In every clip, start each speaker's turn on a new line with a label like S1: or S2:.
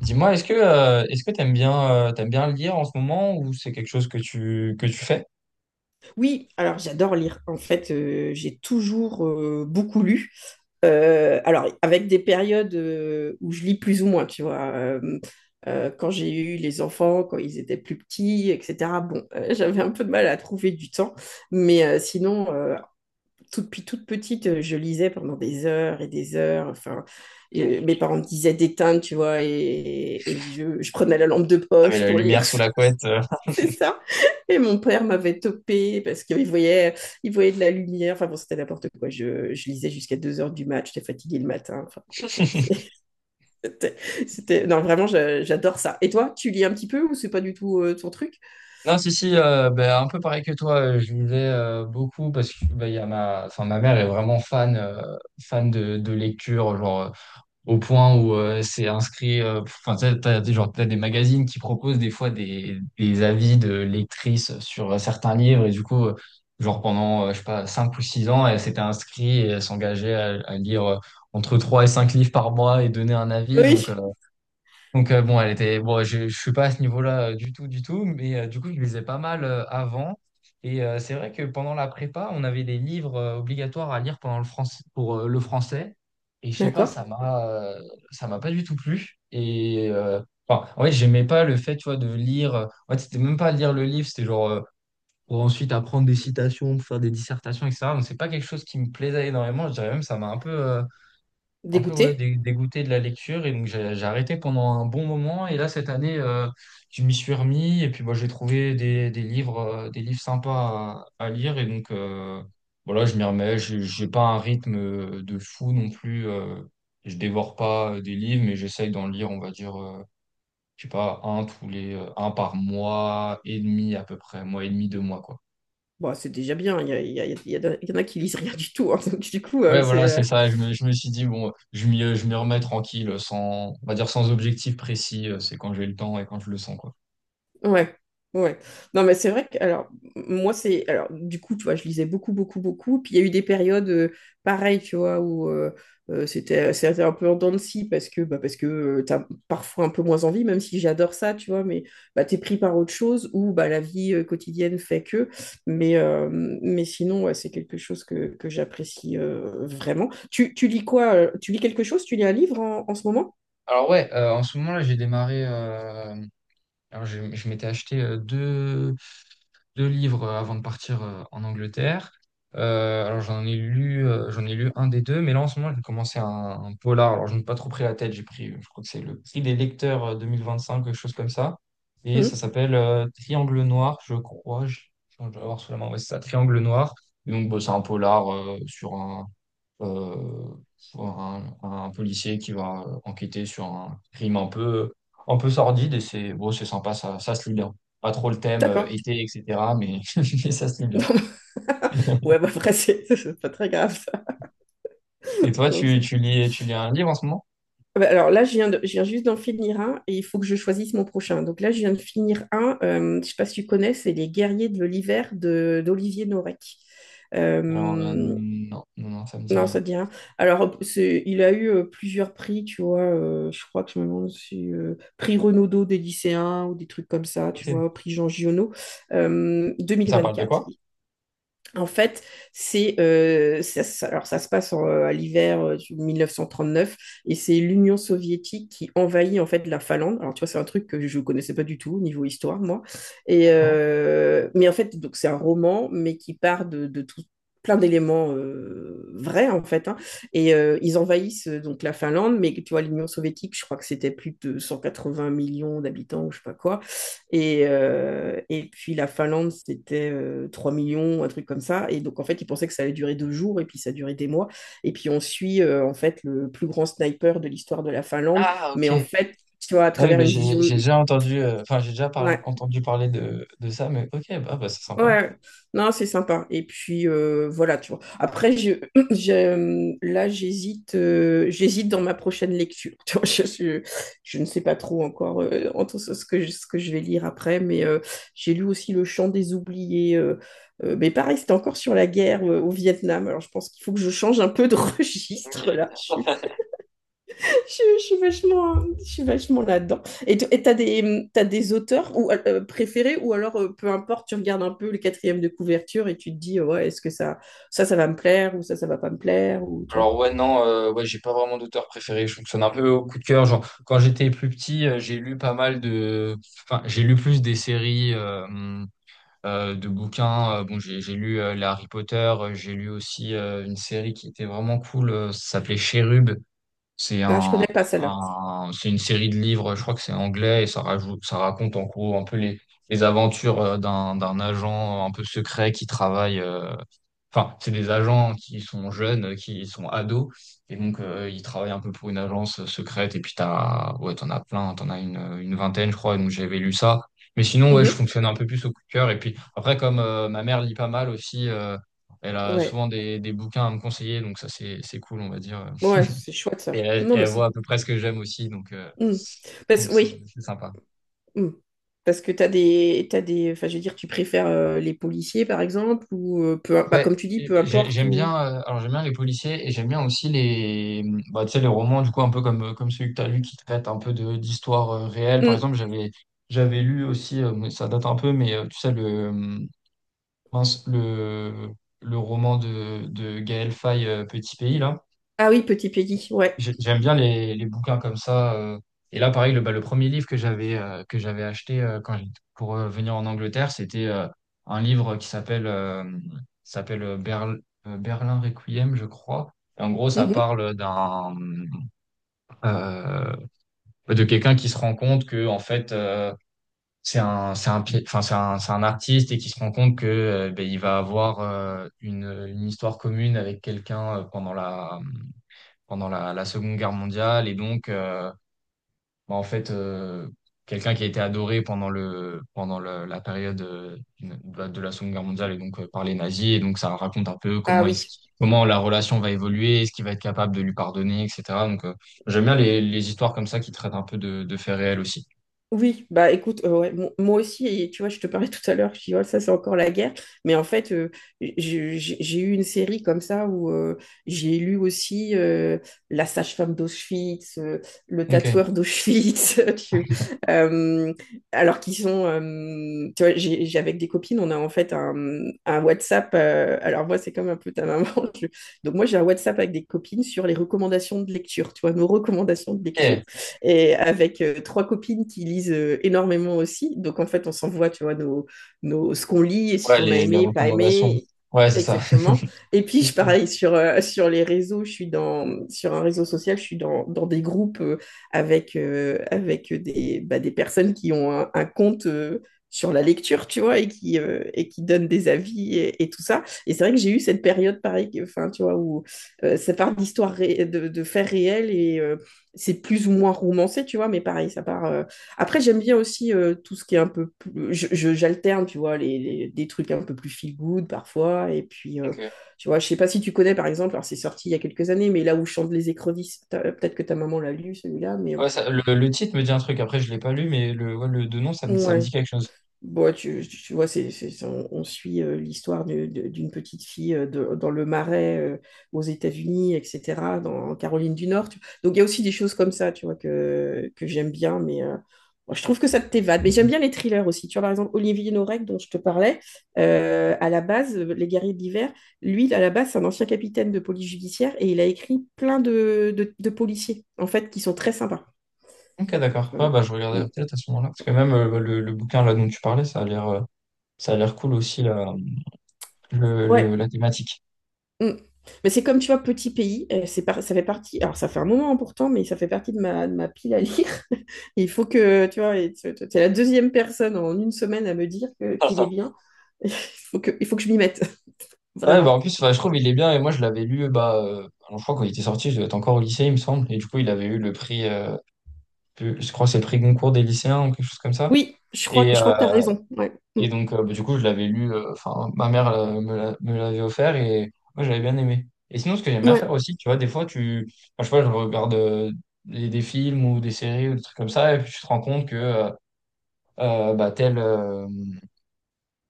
S1: Dis-moi, est-ce que t'aimes bien lire en ce moment ou c'est quelque chose que tu fais?
S2: Oui, alors j'adore lire. En fait, j'ai toujours beaucoup lu. Alors, avec des périodes où je lis plus ou moins, tu vois. Quand j'ai eu les enfants, quand ils étaient plus petits, etc. Bon, j'avais un peu de mal à trouver du temps. Mais sinon, depuis toute petite, je lisais pendant des heures et des heures. Enfin, et, mes parents me disaient d'éteindre, tu vois, et je prenais la lampe de
S1: T'avais
S2: poche
S1: la
S2: pour lire.
S1: lumière sous la couette.
S2: C'est ça. Et mon père m'avait topé parce qu'il voyait, il voyait de la lumière. Enfin bon, c'était n'importe quoi. Je lisais jusqu'à 2 heures du match. J'étais fatiguée le matin. Enfin bon, tu vois, c'était, Non, vraiment, j'adore ça. Et toi, tu lis un petit peu ou c'est pas du tout ton truc?
S1: Non, si, ben, un peu pareil que toi, je lisais beaucoup parce que ben, il y a ma mère est vraiment fan fan de lecture, genre au point où c'est inscrit. Enfin, genre, t'as des magazines qui proposent des fois des avis de lectrices sur certains livres, et du coup, genre pendant, je sais pas, 5 ou 6 ans, elle s'était inscrite et elle s'engageait à lire entre 3 et 5 livres par mois et donner un avis. Donc,
S2: Oui.
S1: euh, donc euh, bon, elle était bon, je suis pas à ce niveau-là du tout, mais du coup, je lisais pas mal avant et c'est vrai que pendant la prépa, on avait des livres obligatoires à lire pendant le français pour le français et je sais pas,
S2: D'accord.
S1: ça m'a pas du tout plu et enfin, en fait, j'aimais pas le fait, tu vois, de lire en fait, c'était même pas lire le livre, c'était genre pour ensuite apprendre des citations, pour faire des dissertations etc. Donc c'est pas quelque chose qui me plaisait énormément, je dirais même ça m'a un peu ouais,
S2: Dégoûté?
S1: dégoûté de la lecture et donc j'ai arrêté pendant un bon moment et là cette année je m'y suis remis et puis bah, j'ai trouvé des livres sympas à lire et donc voilà je m'y remets j'ai pas un rythme de fou non plus je dévore pas des livres mais j'essaye d'en lire on va dire je sais pas un tous les un par mois et demi à peu près mois et demi deux mois quoi.
S2: Bon, c'est déjà bien. Il y, a- il y a- il y a- Il y en a qui lisent rien du tout, hein. Donc du coup,
S1: Ouais, voilà, c'est ça. Je me suis dit, bon, je m'y remets tranquille, sans, on va dire sans objectif précis. C'est quand j'ai le temps et quand je le sens, quoi.
S2: ouais, ouais. Non, mais c'est vrai que, alors, moi, c'est, alors, du coup, tu vois, je lisais beaucoup, beaucoup, beaucoup. Puis il y a eu des périodes pareilles, tu vois, où c'était un peu en dents de scie parce que, bah, parce que t'as parfois un peu moins envie, même si j'adore ça, tu vois, mais bah, t'es pris par autre chose ou bah, la vie quotidienne fait que. Mais, euh, mais sinon, ouais, c'est quelque chose que j'apprécie vraiment. Tu lis quoi? Tu lis quelque chose? Tu lis un livre en ce moment?
S1: Alors ouais, en ce moment là, j'ai démarré. Alors, je m'étais acheté deux livres avant de partir en Angleterre. Alors, j'en ai lu un des deux, mais là, en ce moment, j'ai commencé un polar. Alors, je n'ai pas trop pris la tête. J'ai pris, je crois que c'est le prix des lecteurs 2025, quelque chose comme ça. Et ça
S2: Hmm,
S1: s'appelle Triangle Noir, je crois. Je dois l'avoir sous la main. Ouais, c'est ça, Triangle Noir. Et donc, bon, c'est un polar sur un euh, pour un policier qui va enquêter sur un crime un peu sordide et c'est bon, c'est sympa, ça se lit bien. Pas trop le thème
S2: d'accord.
S1: été, etc. Mais, mais ça se lit bien.
S2: Non. Ouais, bah après, c'est c'est pas très grave, ça.
S1: Et toi,
S2: Non,
S1: tu lis un livre en ce moment?
S2: ah bah alors là, je viens juste d'en finir un et il faut que je choisisse mon prochain. Donc là, je viens de finir un, je sais pas si tu connais, c'est Les Guerriers de l'hiver de d'Olivier Norek.
S1: Alors, non, ça me dit
S2: Non, ça
S1: rien.
S2: te dit rien. Alors, il a eu plusieurs prix, tu vois. Je crois que je me demande si prix Renaudot des lycéens ou des trucs comme ça, tu
S1: Ok.
S2: vois, prix Jean Giono,
S1: Ça parle de
S2: 2024.
S1: quoi?
S2: En fait, c'est ça, alors ça se passe à l'hiver du 1939 et c'est l'Union soviétique qui envahit en fait la Finlande. Alors tu vois, c'est un truc que je ne connaissais pas du tout au niveau histoire, moi. Et
S1: D'accord.
S2: mais en fait, donc c'est un roman mais qui part de tout plein d'éléments vrais en fait, hein. Et ils envahissent donc la Finlande, mais tu vois, l'Union soviétique, je crois que c'était plus de 180 millions d'habitants ou je sais pas quoi, et puis la Finlande, c'était 3 millions, un truc comme ça. Et donc, en fait, ils pensaient que ça allait durer 2 jours, et puis ça a duré des mois. Et puis, on suit, en fait, le plus grand sniper de l'histoire de la Finlande.
S1: Ah,
S2: Mais
S1: ok.
S2: en fait, tu vois, à
S1: Ah oui,
S2: travers
S1: mais
S2: une vision.
S1: j'ai déjà entendu, enfin,
S2: Ouais.
S1: entendu parler de ça, mais ok, bah c'est
S2: Ouais,
S1: sympa.
S2: ouais. Non, c'est sympa. Et puis voilà, tu vois. Après, là, j'hésite dans ma prochaine lecture. Tu vois, je- je ne sais pas trop encore entre ce ce que je vais lire après, mais j'ai lu aussi Le Chant des oubliés. Mais pareil, c'était encore sur la guerre au Vietnam. Alors, je pense qu'il faut que je change un peu de registre là.
S1: Ok.
S2: Je suis vachement, je suis vachement là-dedans. Et t'as des auteurs ou, préférés ou alors peu importe, tu regardes un peu le quatrième de couverture et tu te dis, ouais, est-ce que ça va me plaire ou ça va pas me plaire ou tu vois.
S1: Alors ouais, non, ouais, j'ai pas vraiment d'auteur préféré. Je fonctionne un peu au coup de cœur. Genre, quand j'étais plus petit, j'ai lu pas mal de. Enfin, j'ai lu plus des séries de bouquins. Bon, j'ai lu les Harry Potter. J'ai lu aussi une série qui était vraiment cool. Ça s'appelait Cherub. C'est
S2: Ah, je
S1: un,
S2: connais pas celle-là.
S1: c'est une série de livres, je crois que c'est anglais, et ça raconte en gros un peu les aventures d'un agent un peu secret qui travaille. Enfin, c'est des agents qui sont jeunes, qui sont ados, et donc ils travaillent un peu pour une agence secrète. Et puis t'as, ouais, t'en as plein, une vingtaine, je crois. Et donc j'avais lu ça. Mais sinon, ouais, je
S2: Mhm.
S1: fonctionne un peu plus au coup de cœur. Et puis après, comme ma mère lit pas mal aussi, elle a
S2: Ouais,
S1: souvent des bouquins à me conseiller, donc ça c'est cool, on va dire.
S2: ouais, c'est chouette ça.
S1: Et
S2: Non, mais
S1: elle voit
S2: c'est.
S1: à peu près ce que j'aime aussi, donc euh,
S2: Mm. Parce,
S1: donc c'est
S2: oui,
S1: c'est sympa.
S2: Mm. Parce que t'as des, enfin, je veux dire, tu préfères les policiers par exemple ou bah,
S1: Ouais,
S2: comme tu dis,
S1: et
S2: peu
S1: ben,
S2: importe
S1: j'aime
S2: ou.
S1: bien. Alors j'aime bien les policiers et j'aime bien aussi les, bah, tu sais, les romans du coup un peu comme comme celui que t'as lu qui traite un peu de d'histoire réelle. Par
S2: Mm.
S1: exemple, j'avais lu aussi, mais ça date un peu, mais tu sais euh, le le roman de Gaël Faye, Petit Pays là.
S2: Ah oui, Petit Peggy, ouais.
S1: J'aime bien les bouquins comme ça. Et là, pareil, le, bah, le premier livre que j'avais acheté quand pour venir en Angleterre, c'était un livre qui s'appelle Berlin Requiem, je crois. Et en gros, ça
S2: Mhm.
S1: parle d'un euh, de quelqu'un qui se rend compte que en fait c'est un enfin c'est un artiste et qui se rend compte que ben, il va avoir une histoire commune avec quelqu'un pendant la Seconde Guerre mondiale et donc bah, en fait, quelqu'un qui a été adoré pendant pendant la période de la Seconde Guerre mondiale et donc par les nazis. Et donc, ça raconte un peu
S2: Ah
S1: comment
S2: oui,
S1: comment la relation va évoluer, est-ce qu'il va être capable de lui pardonner, etc. Donc, j'aime bien les histoires comme ça qui traitent un peu de faits réels aussi.
S2: oui, bah écoute, ouais, moi aussi, et tu vois, je te parlais tout à l'heure, je dis, oh, ça c'est encore la guerre, mais en fait, j'ai eu une série comme ça où j'ai lu aussi La sage-femme d'Auschwitz, Le
S1: Ok.
S2: tatoueur d'Auschwitz, euh, alors qu'ils sont, tu vois, avec des copines, on a en fait un WhatsApp, alors moi c'est comme un peu ta maman, je- donc moi j'ai un WhatsApp avec des copines sur les recommandations de lecture, tu vois, nos recommandations de lecture
S1: Ok.
S2: et avec trois copines qui lisent énormément aussi. Donc en fait, on s'envoie, tu vois, ce qu'on lit et
S1: Ouais,
S2: si on a
S1: les
S2: aimé, pas
S1: recommandations.
S2: aimé.
S1: Ouais, c'est ça.
S2: Exactement. Et puis, je
S1: Ok.
S2: pareil, sur les réseaux, sur un réseau social, je suis dans des groupes avec, avec des, bah, des personnes qui ont un compte sur la lecture, tu vois, et qui donnent des avis et tout ça. Et c'est vrai que j'ai eu cette période, pareil, enfin, tu vois, où ça part d'histoires de faits réels c'est plus ou moins romancé, tu vois, mais pareil, ça part. Après, j'aime bien aussi tout ce qui est un peu plus. J'alterne, tu vois, des trucs un peu plus feel good parfois. Et puis,
S1: Ok.
S2: tu vois, je sais pas si tu connais, par exemple, alors c'est sorti il y a quelques années, mais Là où chantent les écrevisses, peut-être que ta maman l'a lu, celui-là, mais
S1: Ouais, ça- le titre me dit un truc. Après, je l'ai pas lu, mais le, ouais, le, de nom, ça me
S2: ouais.
S1: dit quelque chose.
S2: Bon, tu vois, on suit l'histoire d'une petite fille dans le Marais aux États-Unis, etc., en Caroline du Nord. Donc, il y a aussi des choses comme ça, tu vois, que j'aime bien, mais bon, je trouve que ça t'évade. Mais j'aime bien les thrillers aussi. Tu vois, par exemple, Olivier Norek, dont je te parlais, à la base, Les Guerriers de l'Hiver, lui, à la base, c'est un ancien capitaine de police judiciaire et il a écrit plein de policiers, en fait, qui sont très sympas.
S1: Ok, d'accord. Ouais, bah, je regarderai
S2: Euh,
S1: peut-être à ce moment-là. Parce que même le bouquin là dont tu parlais, ça a l'air cool aussi la,
S2: Ouais.
S1: la thématique.
S2: Mm. Mais c'est comme, tu vois, Petit Pays, ça fait partie, alors ça fait un moment, hein, pourtant, mais ça fait partie de ma pile à lire. Et il faut que, tu vois, et tu es la deuxième personne en une semaine à me dire qu'il est bien. Il faut que je m'y mette,
S1: Ouais, bah en
S2: vraiment.
S1: plus, enfin, je trouve il est bien. Et moi, je l'avais lu, bah, alors, je crois quand il était sorti, je devais être encore au lycée, il me semble. Et du coup, il avait eu le prix, je crois que c'est le prix Goncourt des lycéens ou quelque chose comme ça.
S2: Oui,
S1: Et,
S2: je crois que tu as
S1: euh,
S2: raison. Ouais.
S1: Et
S2: Mm.
S1: donc, bah, du coup, je l'avais lu, enfin, ma mère me l'a- me l'avait offert et moi, j'avais bien aimé. Et sinon, ce que j'aime bien faire
S2: Ouais.
S1: aussi, tu vois, des fois, tu, enfin, je sais pas, je regarde des films ou des séries ou des trucs comme ça, et puis tu te rends compte que bah,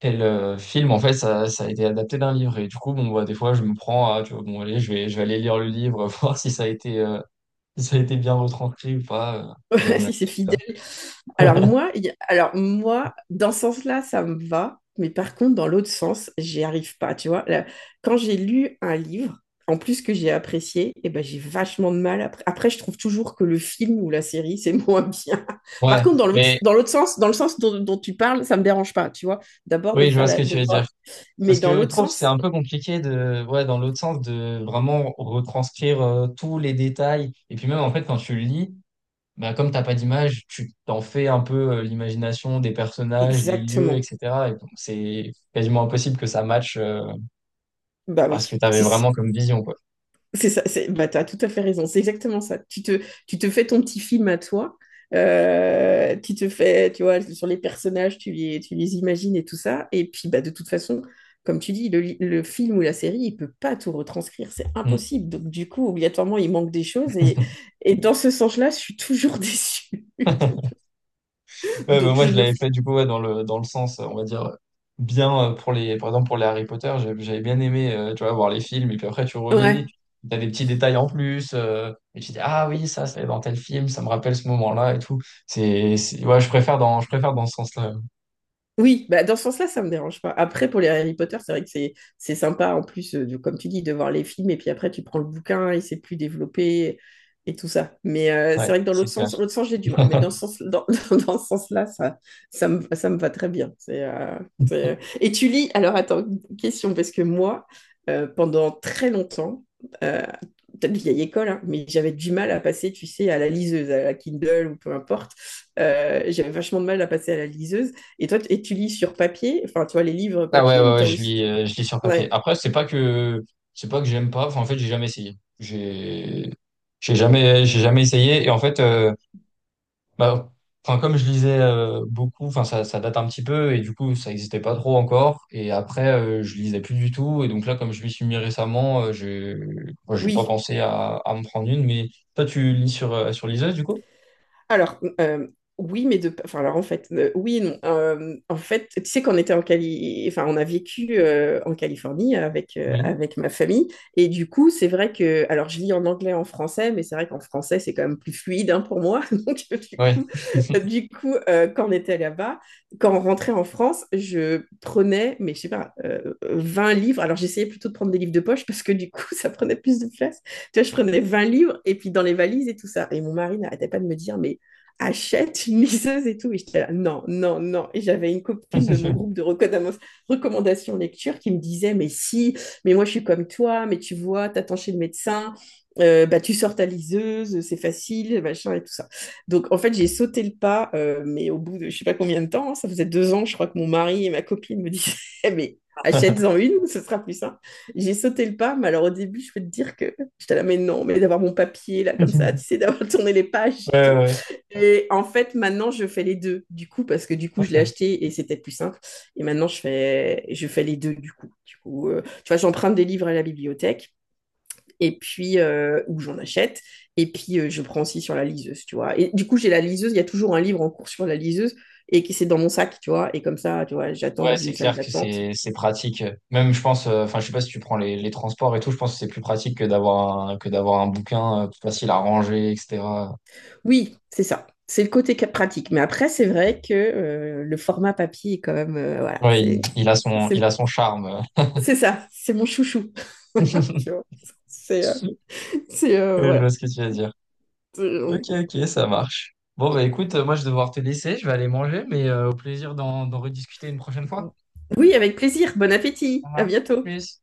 S1: tel film, en fait, ça a été adapté d'un livre. Et du coup, bon, bah, des fois, je me prends à, tu vois, bon, allez, je vais aller lire le livre, voir si ça a été, si ça a été bien retranscrit ou pas. J'aime.
S2: Si c'est fidèle. Alors moi, il y a- Alors moi, dans ce sens-là, ça me va, mais par contre, dans l'autre sens, j'y arrive pas, tu vois. Là, quand j'ai lu un livre, en plus que j'ai apprécié, eh ben, j'ai vachement de mal. Après, je trouve toujours que le film ou la série, c'est moins bien. Par
S1: Ouais,
S2: contre,
S1: mais
S2: dans l'autre sens, dans le sens dont tu parles, ça me dérange pas, tu vois. D'abord
S1: oui, je vois ce que tu
S2: de
S1: veux
S2: voir
S1: dire.
S2: mais
S1: Parce
S2: dans
S1: que je
S2: l'autre
S1: trouve que c'est
S2: sens,
S1: un peu compliqué de, ouais, dans l'autre sens, de vraiment retranscrire tous les détails. Et puis même, en fait, quand tu le lis, bah, comme t'as pas d'image, tu t'en fais un peu l'imagination des personnages, des lieux,
S2: exactement.
S1: etc. Et donc, c'est quasiment impossible que ça matche
S2: Bah
S1: bah, ce
S2: oui.
S1: que tu avais vraiment comme vision, quoi.
S2: C'est ça, bah, tu as tout à fait raison, c'est exactement ça. Tu te fais ton petit film à toi, tu te fais, tu vois, sur les personnages, tu les imagines et tout ça. Et puis, bah, de toute façon, comme tu dis, le film ou la série, il peut pas tout retranscrire, c'est
S1: Mm.
S2: impossible. Donc, du coup, obligatoirement, il manque des choses. Et dans ce sens-là, je suis toujours déçue.
S1: Ouais, bah,
S2: Donc,
S1: moi
S2: je
S1: je
S2: ne le.
S1: l'avais fait du coup ouais, dans le sens on va dire bien pour les par exemple pour les Harry Potter j'avais bien aimé tu vois voir les films et puis après tu relis
S2: Ouais.
S1: t'as des petits détails en plus et tu dis ah oui ça c'est dans tel film ça me rappelle ce moment-là et tout ouais je préfère dans ce sens-là.
S2: Oui, bah dans ce sens-là, ça me dérange pas. Après, pour les Harry Potter, c'est vrai que c'est sympa en plus, comme tu dis, de voir les films et puis après tu prends le bouquin et c'est plus développé et tout ça. Mais
S1: Ouais
S2: c'est vrai que dans
S1: c'est clair.
S2: l'autre sens j'ai du mal. Mais dans ce sens, dans ce sens-là, ça me va très bien. C'est- euh. Et tu lis. Alors attends, une question parce que moi, pendant très longtemps, euh, peut-être vieille école, hein, mais j'avais du mal à passer, tu sais, à la liseuse, à la Kindle ou peu importe. J'avais vachement de mal à passer à la liseuse. Et toi, et tu lis sur papier, enfin, tu vois, les livres
S1: Ah ouais
S2: papier ou
S1: ouais,
S2: t'as aussi.
S1: je lis sur papier
S2: Ouais,
S1: après c'est pas que j'aime pas enfin en fait j'ai jamais essayé j'ai jamais j'ai jamais essayé et en fait bah, enfin, comme je lisais beaucoup, enfin, ça date un petit peu et du coup, ça n'existait pas trop encore. Et après, je lisais plus du tout. Et donc là, comme je m'y suis mis récemment, je moi, j'ai pas
S2: oui.
S1: pensé à me prendre une. Mais toi, tu lis sur, sur liseuse, du coup?
S2: Alors, oui, mais de. Enfin, alors en fait, oui et non. En fait, tu sais qu'on était en enfin, on a vécu en Californie
S1: Oui.
S2: avec ma famille. Et du coup, c'est vrai que. Alors, je lis en anglais, en français, mais c'est vrai qu'en français, c'est quand même plus fluide, hein, pour moi. Donc, du
S1: Ouais.
S2: coup, quand on était là-bas, quand on rentrait en France, je prenais, mais je sais pas, 20 livres. Alors, j'essayais plutôt de prendre des livres de poche parce que du coup, ça prenait plus de place. Tu vois, je prenais 20 livres et puis dans les valises et tout ça. Et mon mari n'arrêtait pas de me dire, mais achète une liseuse et tout. Et j'étais là, non, non, non. Et j'avais une copine de mon
S1: Ouais,
S2: groupe de recommandations lecture qui me disait, mais si, mais moi je suis comme toi, mais tu vois, t'attends chez le médecin, bah, tu sors ta liseuse, c'est facile, machin et tout ça. Donc en fait, j'ai sauté le pas, mais au bout de je sais pas combien de temps, hein, ça faisait 2 ans, je crois que mon mari et ma copine me disaient, mais achète-en une, ce sera plus simple. J'ai sauté le pas, mais alors au début, je peux te dire que j'étais là, mais non, mais d'avoir mon papier là, comme ça, tu sais, d'avoir tourné les pages,
S1: ouais.
S2: et tout.
S1: Ouais.
S2: Et en fait, maintenant, je fais les deux, du coup, parce que du coup, je l'ai
S1: Ok.
S2: acheté et c'était plus simple. Et maintenant, je fais les deux, du coup. Du coup, tu vois, j'emprunte des livres à la bibliothèque, et puis, ou j'en achète, et puis je prends aussi sur la liseuse, tu vois. Et du coup, j'ai la liseuse, il y a toujours un livre en cours sur la liseuse, et qui c'est dans mon sac, tu vois. Et comme ça, tu vois, j'attends
S1: Ouais,
S2: dans
S1: c'est
S2: une salle
S1: clair que
S2: d'attente.
S1: c'est pratique. Même, je pense, enfin, je sais pas si tu prends les transports et tout, je pense que c'est plus pratique que d'avoir un bouquin plus facile à ranger, etc.
S2: Oui, c'est ça. C'est le côté pratique. Mais après, c'est vrai que le format papier est quand même, voilà,
S1: Ouais,
S2: ça,
S1: il a
S2: c'est,
S1: son charme.
S2: c'est ça, c'est mon chouchou. Tu vois, c'est, euh,
S1: Oui, je vois
S2: voilà.
S1: ce que tu veux dire.
S2: Euh,
S1: Ok, ok, ça marche. Bon, bah écoute, moi je vais devoir te laisser, je vais aller manger, mais au plaisir d'en rediscuter une prochaine fois.
S2: oui, avec plaisir. Bon
S1: Ça
S2: appétit. À
S1: marche.
S2: bientôt.
S1: Plus.